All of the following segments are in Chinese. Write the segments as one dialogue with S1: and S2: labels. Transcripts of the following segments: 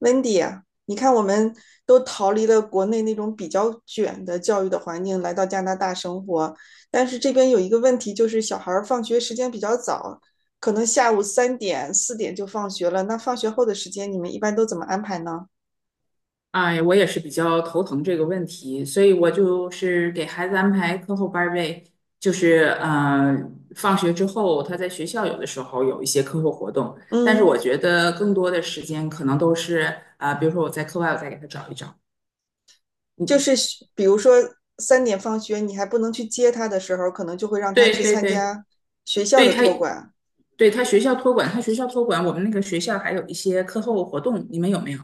S1: Wendy 啊，你看我们都逃离了国内那种比较卷的教育的环境，来到加拿大生活，但是这边有一个问题，就是小孩儿放学时间比较早，可能下午三点、四点就放学了。那放学后的时间，你们一般都怎么安排呢？
S2: 哎，我也是比较头疼这个问题，所以我就是给孩子安排课后班儿呗，就是放学之后他在学校有的时候有一些课后活动，但是
S1: 嗯，
S2: 我觉得更多的时间可能都是比如说我在课外我再给他找一找，
S1: 就
S2: 嗯，
S1: 是比如说三点放学，你还不能去接他的时候，可能就会让他
S2: 对
S1: 去
S2: 对
S1: 参
S2: 对，
S1: 加学校
S2: 对
S1: 的
S2: 他
S1: 托管。
S2: 对他学校托管，我们那个学校还有一些课后活动，你们有没有？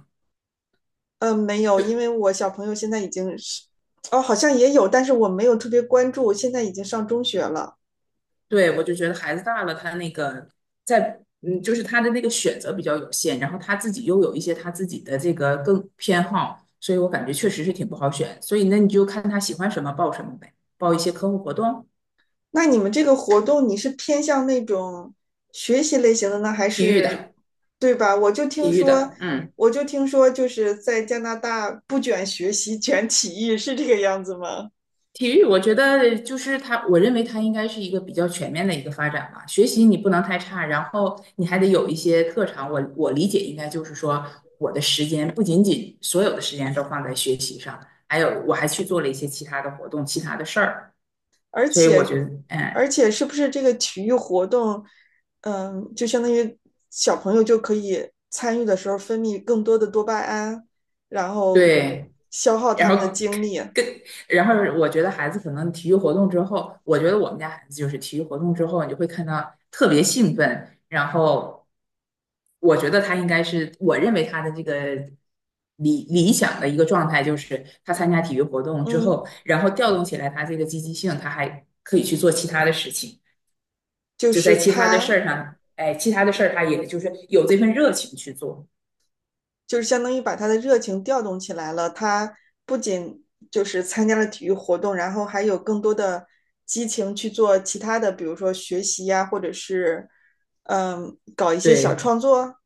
S1: 嗯，没有，因为我小朋友现在已经是，哦，好像也有，但是我没有特别关注，现在已经上中学了。
S2: 对，我就觉得孩子大了，他那个在就是他的那个选择比较有限，然后他自己又有一些他自己的这个更偏好，所以我感觉确实是挺不好选。所以那你就看他喜欢什么报什么呗，报一些课后活动，
S1: 那你们这个活动，你是偏向那种学习类型的呢，还
S2: 体育
S1: 是
S2: 的，
S1: 对吧？我就听
S2: 体育
S1: 说，
S2: 的，嗯。
S1: 就是在加拿大不卷学习，卷体育，是这个样子吗？
S2: 体育，我觉得就是它，我认为它应该是一个比较全面的一个发展吧。学习你不能太差，然后你还得有一些特长。我理解应该就是说，我的时间不仅仅所有的时间都放在学习上，还有我还去做了一些其他的活动、其他的事儿。
S1: 而
S2: 所以我觉
S1: 且，
S2: 得，嗯，
S1: 而且是不是这个体育活动，嗯，就相当于小朋友就可以参与的时候分泌更多的多巴胺，然后
S2: 对。
S1: 消耗
S2: 然
S1: 他们的
S2: 后
S1: 精力，
S2: 跟然后我觉得孩子可能体育活动之后，我觉得我们家孩子就是体育活动之后，你就会看到特别兴奋，然后我觉得他应该是我认为他的这个理想的一个状态，就是他参加体育活动之
S1: 嗯，
S2: 后，然后调动起来他这个积极性，他还可以去做其他的事情，
S1: 就
S2: 就在
S1: 是
S2: 其他的事
S1: 他
S2: 儿上，哎，其他的事儿他也就是有这份热情去做，
S1: 就是相当于把他的热情调动起来了。他不仅就是参加了体育活动，然后还有更多的激情去做其他的，比如说学习呀、啊或者是搞一些小
S2: 对。
S1: 创作。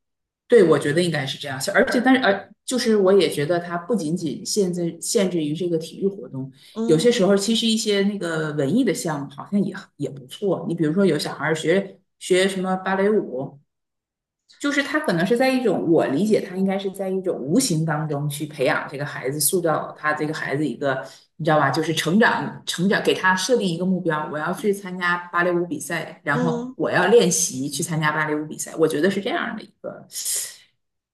S2: 对，我觉得应该是这样。但是，就是我也觉得它不仅仅限制于这个体育活动，有些
S1: 嗯
S2: 时候其实一些那个文艺的项目好像也不错。你比如说，有小孩儿学学什么芭蕾舞，就是他可能是在一种，我理解他应该是在一种无形当中去培养这个孩子，塑造他这个孩子一个，你知道吧？就是成长，成长，给他设定一个目标，我要去参加芭蕾舞比赛，然后
S1: 嗯。
S2: 我要练习去参加芭蕾舞比赛。我觉得是这样的一个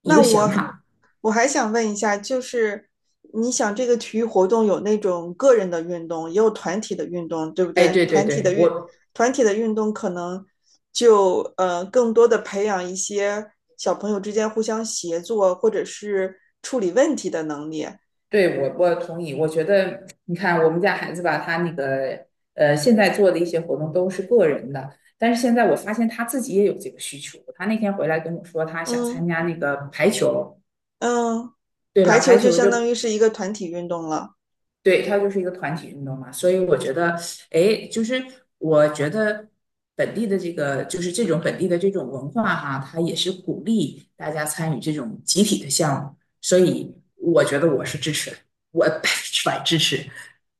S2: 一
S1: 那
S2: 个想
S1: 我
S2: 法。
S1: 我还想问一下，就是你想这个体育活动有那种个人的运动，也有团体的运动，对不
S2: 哎，
S1: 对？
S2: 对对对，我
S1: 团体的运动可能就更多的培养一些小朋友之间互相协作或者是处理问题的能力。
S2: 对，我我同意。我觉得，你看我们家孩子吧，他那个现在做的一些活动都是个人的，但是现在我发现他自己也有这个需求。他那天回来跟我说，他想参
S1: 嗯
S2: 加那个排球，
S1: 嗯，
S2: 对吧？
S1: 排
S2: 排
S1: 球就
S2: 球
S1: 相
S2: 就，
S1: 当于是一个团体运动了。
S2: 对，他就是一个团体运动嘛。所以我觉得，哎，就是我觉得本地的这个，就是这种本地的这种文化哈，它也是鼓励大家参与这种集体的项目。所以我觉得我是支持的，我100%支持。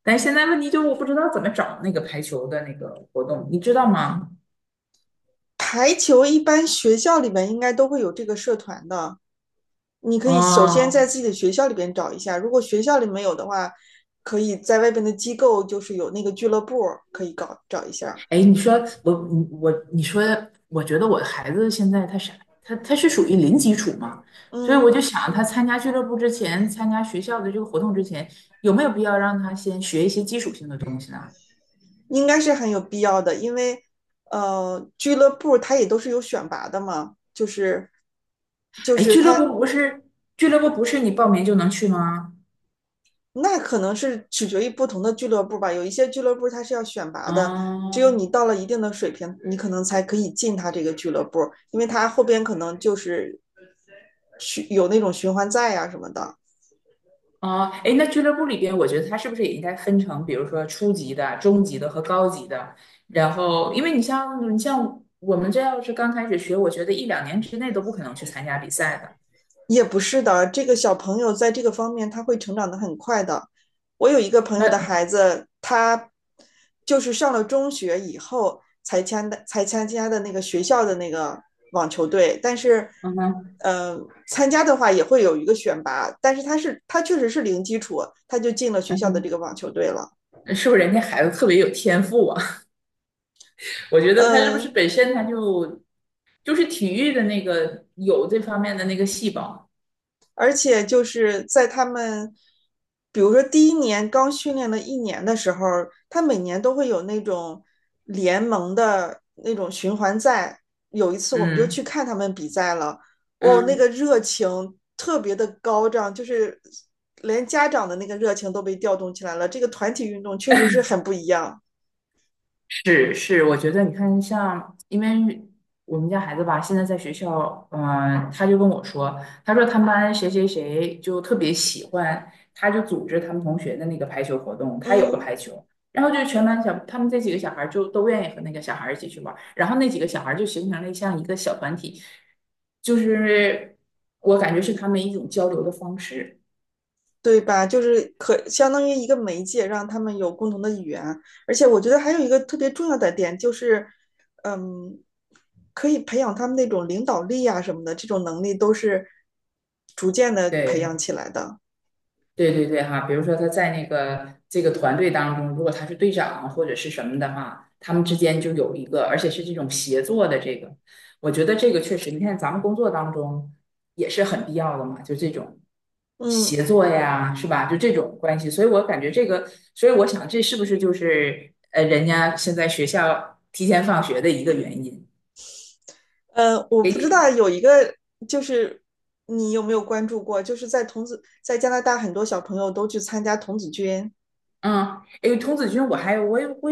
S2: 但现在问题就是我不知道怎么找那个排球的那个活动，你知道吗？
S1: 排球一般学校里面应该都会有这个社团的。你可以首先在
S2: 哦，
S1: 自己的学校里边找一下，如果学校里没有的话，可以在外边的机构，就是有那个俱乐部可以搞找一下。
S2: 哎，你说，我觉得我孩子现在他啥，他他是属于零基础嘛，所以我
S1: 嗯，
S2: 就想他参加俱乐部之前，参加学校的这个活动之前，有没有必要让他先学一些基础性的东西呢？
S1: 应该是很有必要的，因为俱乐部它也都是有选拔的嘛，就是就
S2: 哎，
S1: 是
S2: 俱乐
S1: 它
S2: 部不是俱乐部不是你报名就能去吗？
S1: 那可能是取决于不同的俱乐部吧，有一些俱乐部它是要选拔的。只有你
S2: 啊。
S1: 到了一定的水平，你可能才可以进他这个俱乐部，因为他后边可能就是有那种循环赛呀、什么的。
S2: 啊，哎，那俱乐部里边，我觉得他是不是也应该分成，比如说初级的、中级的和高级的？然后，因为你像我们这要是刚开始学，我觉得一两年之内都不可能去参加比赛的。
S1: 也不是的，这个小朋友在这个方面他会成长的很快的。我有一个朋友的
S2: 那，
S1: 孩子，他就是上了中学以后才参的，才参加的那个学校的那个网球队，但是，
S2: 嗯哼，
S1: 呃，参加的话也会有一个选拔，但是他确实是零基础，他就进了学
S2: 嗯
S1: 校的这
S2: 哼，
S1: 个网球队了。
S2: 是不是人家孩子特别有天赋啊？我觉得他是不是
S1: 嗯、呃
S2: 本身就是体育的那个有这方面的那个细胞？
S1: 而且就是在他们，比如说第一年刚训练了一年的时候，他每年都会有那种联盟的那种循环赛。有一次我们就
S2: 嗯
S1: 去看他们比赛了，哦，那个热情特别的高涨，就是连家长的那个热情都被调动起来了。这个团体运动确实是很不一样，
S2: 是是，我觉得你看像，因为我们家孩子吧，现在在学校，他就跟我说，他说他们班谁谁谁就特别喜欢，他就组织他们同学的那个排球活动，他有个
S1: 嗯。
S2: 排球，然后就全班小，他们这几个小孩儿就都愿意和那个小孩儿一起去玩儿然后那几个小孩儿就形成了像一个小团体，就是我感觉是他们一种交流的方式，
S1: 对吧？就是可相当于一个媒介，让他们有共同的语言。而且我觉得还有一个特别重要的点就是，嗯，可以培养他们那种领导力啊什么的，这种能力都是逐渐的培养
S2: 对。
S1: 起来的。
S2: 对对对哈，比如说他在那个这个团队当中，如果他是队长或者是什么的话，他们之间就有一个，而且是这种协作的这个，我觉得这个确实，你看咱们工作当中也是很必要的嘛，就这种
S1: 嗯
S2: 协作呀，是吧？就这种关系，所以我感觉这个，所以我想这是不是就是人家现在学校提前放学的一个原因，
S1: 我
S2: 给
S1: 不知道
S2: 你
S1: 有一个就是你有没有关注过，就是在童子在加拿大很多小朋友都去参加童子军。
S2: 嗯，诶，童子军，我还我也我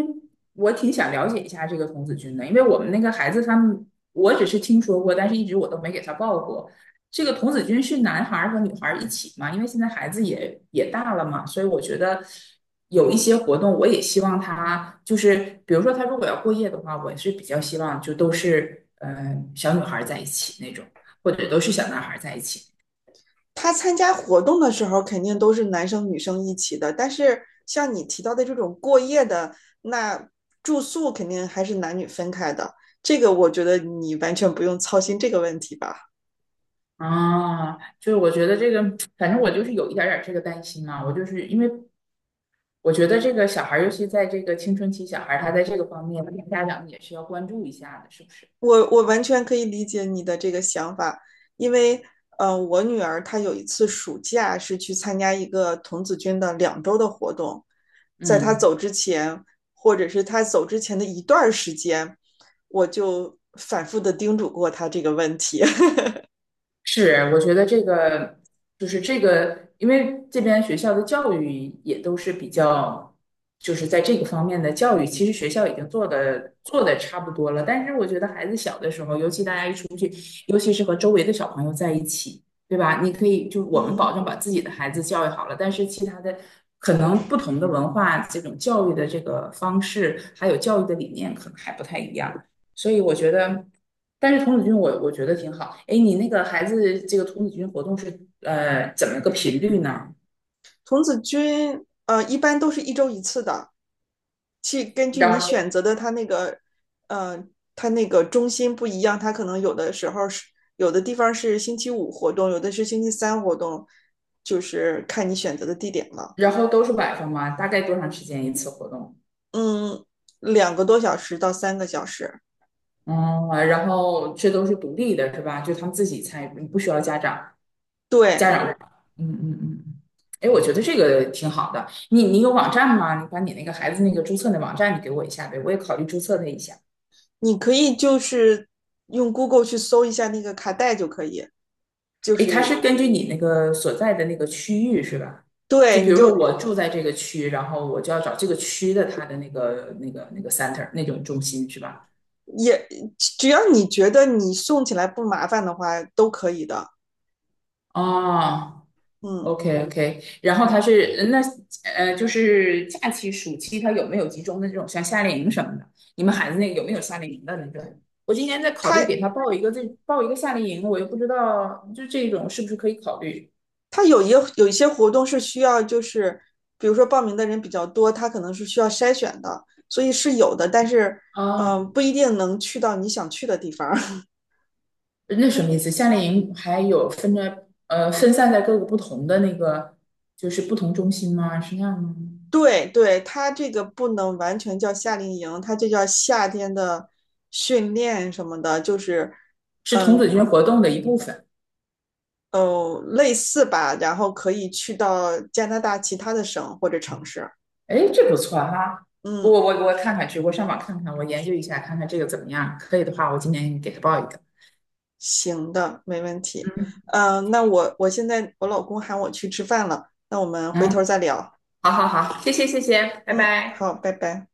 S2: 我挺想了解一下这个童子军的，因为我们那个孩子他们，我只是听说过，但是一直我都没给他报过。这个童子军是男孩儿和女孩儿一起嘛？因为现在孩子也大了嘛，所以我觉得有一些活动，我也希望他就是，比如说他如果要过夜的话，我是比较希望就都是小女孩儿在一起那种，或者都是小男孩儿在一起。
S1: 他参加活动的时候肯定都是男生女生一起的，但是像你提到的这种过夜的，那住宿肯定还是男女分开的。这个我觉得你完全不用操心这个问题吧，
S2: 啊，就是我觉得这个，反正我就是有一点儿这个担心嘛。我就是因为我觉得这个小孩儿尤其在这个青春期小孩儿他在这个方面，家长也是要关注一下的，是不是？
S1: 我完全可以理解你的这个想法，因为我女儿她有一次暑假是去参加一个童子军的两周的活动，在她
S2: 嗯。
S1: 走之前，或者是她走之前的一段时间，我就反复的叮嘱过她这个问题。
S2: 是，我觉得这个就是这个，因为这边学校的教育也都是比较，就是在这个方面的教育，其实学校已经做的差不多了。但是我觉得孩子小的时候，尤其大家一出去，尤其是和周围的小朋友在一起，对吧？你可以就我们保
S1: 嗯，
S2: 证把自己的孩子教育好了，但是其他的可能不同的文化，这种教育的这个方式，还有教育的理念，可能还不太一样。所以我觉得，但是童子军我觉得挺好。哎，你那个孩子这个童子军活动是怎么个频率呢？
S1: 童子军一般都是一周一次的，去根据你
S2: 然后
S1: 选择的它那个呃它那个中心不一样，它可能有的时候是有的地方是星期五活动，有的是星期三活动，就是看你选择的地点了。
S2: 然后都是晚上吗？大概多长时间一次活动？
S1: 嗯，两个多小时到三个小时，
S2: 嗯，然后这都是独立的，是吧？就他们自己参与，不需要家长家
S1: 对，
S2: 长。嗯嗯嗯。哎，我觉得这个挺好的。你有网站吗？你把你那个孩子那个注册的网站你给我一下呗，我也考虑注册他一下。
S1: 你可以就是用 Google 去搜一下那个卡带就可以，就
S2: 诶，他
S1: 是
S2: 是根据你那个所在的那个区域是吧？就
S1: 对，
S2: 比
S1: 你
S2: 如
S1: 就
S2: 说我住在这个区，然后我就要找这个区的它的那个 center 那种中心是吧？
S1: 也只要你觉得你送起来不麻烦的话，都可以的。
S2: 哦
S1: 嗯，
S2: ，OK OK，然后他是那就是假期暑期他有没有集中的这种像夏令营什么的？你们孩子那个有没有夏令营的那种？我今年在考虑
S1: 它
S2: 给他报一个夏令营，我又不知道就这种是不是可以考虑
S1: 它有一些活动是需要，就是比如说报名的人比较多，它可能是需要筛选的，所以是有的，但是
S2: 啊？
S1: 不一定能去到你想去的地方。
S2: 那什么意思？夏令营还有分散在各个不同的那个就是不同中心吗？是那样吗？
S1: 对对，它这个不能完全叫夏令营，它就叫夏天的训练什么的，就是
S2: 是童子
S1: 嗯
S2: 军活动的一部分。
S1: 哦类似吧，然后可以去到加拿大其他的省或者城市。
S2: 哎，这不错哈！我
S1: 嗯，
S2: 我我看看去，我上网看看，我研究一下，看看这个怎么样。可以的话，我今年给他报一个。
S1: 行的，没问题。
S2: 嗯
S1: 嗯，那我现在我老公喊我去吃饭了，那我们回
S2: 嗯，
S1: 头再聊。
S2: 好好好，谢谢谢谢，拜
S1: 嗯，
S2: 拜。
S1: 好，拜拜。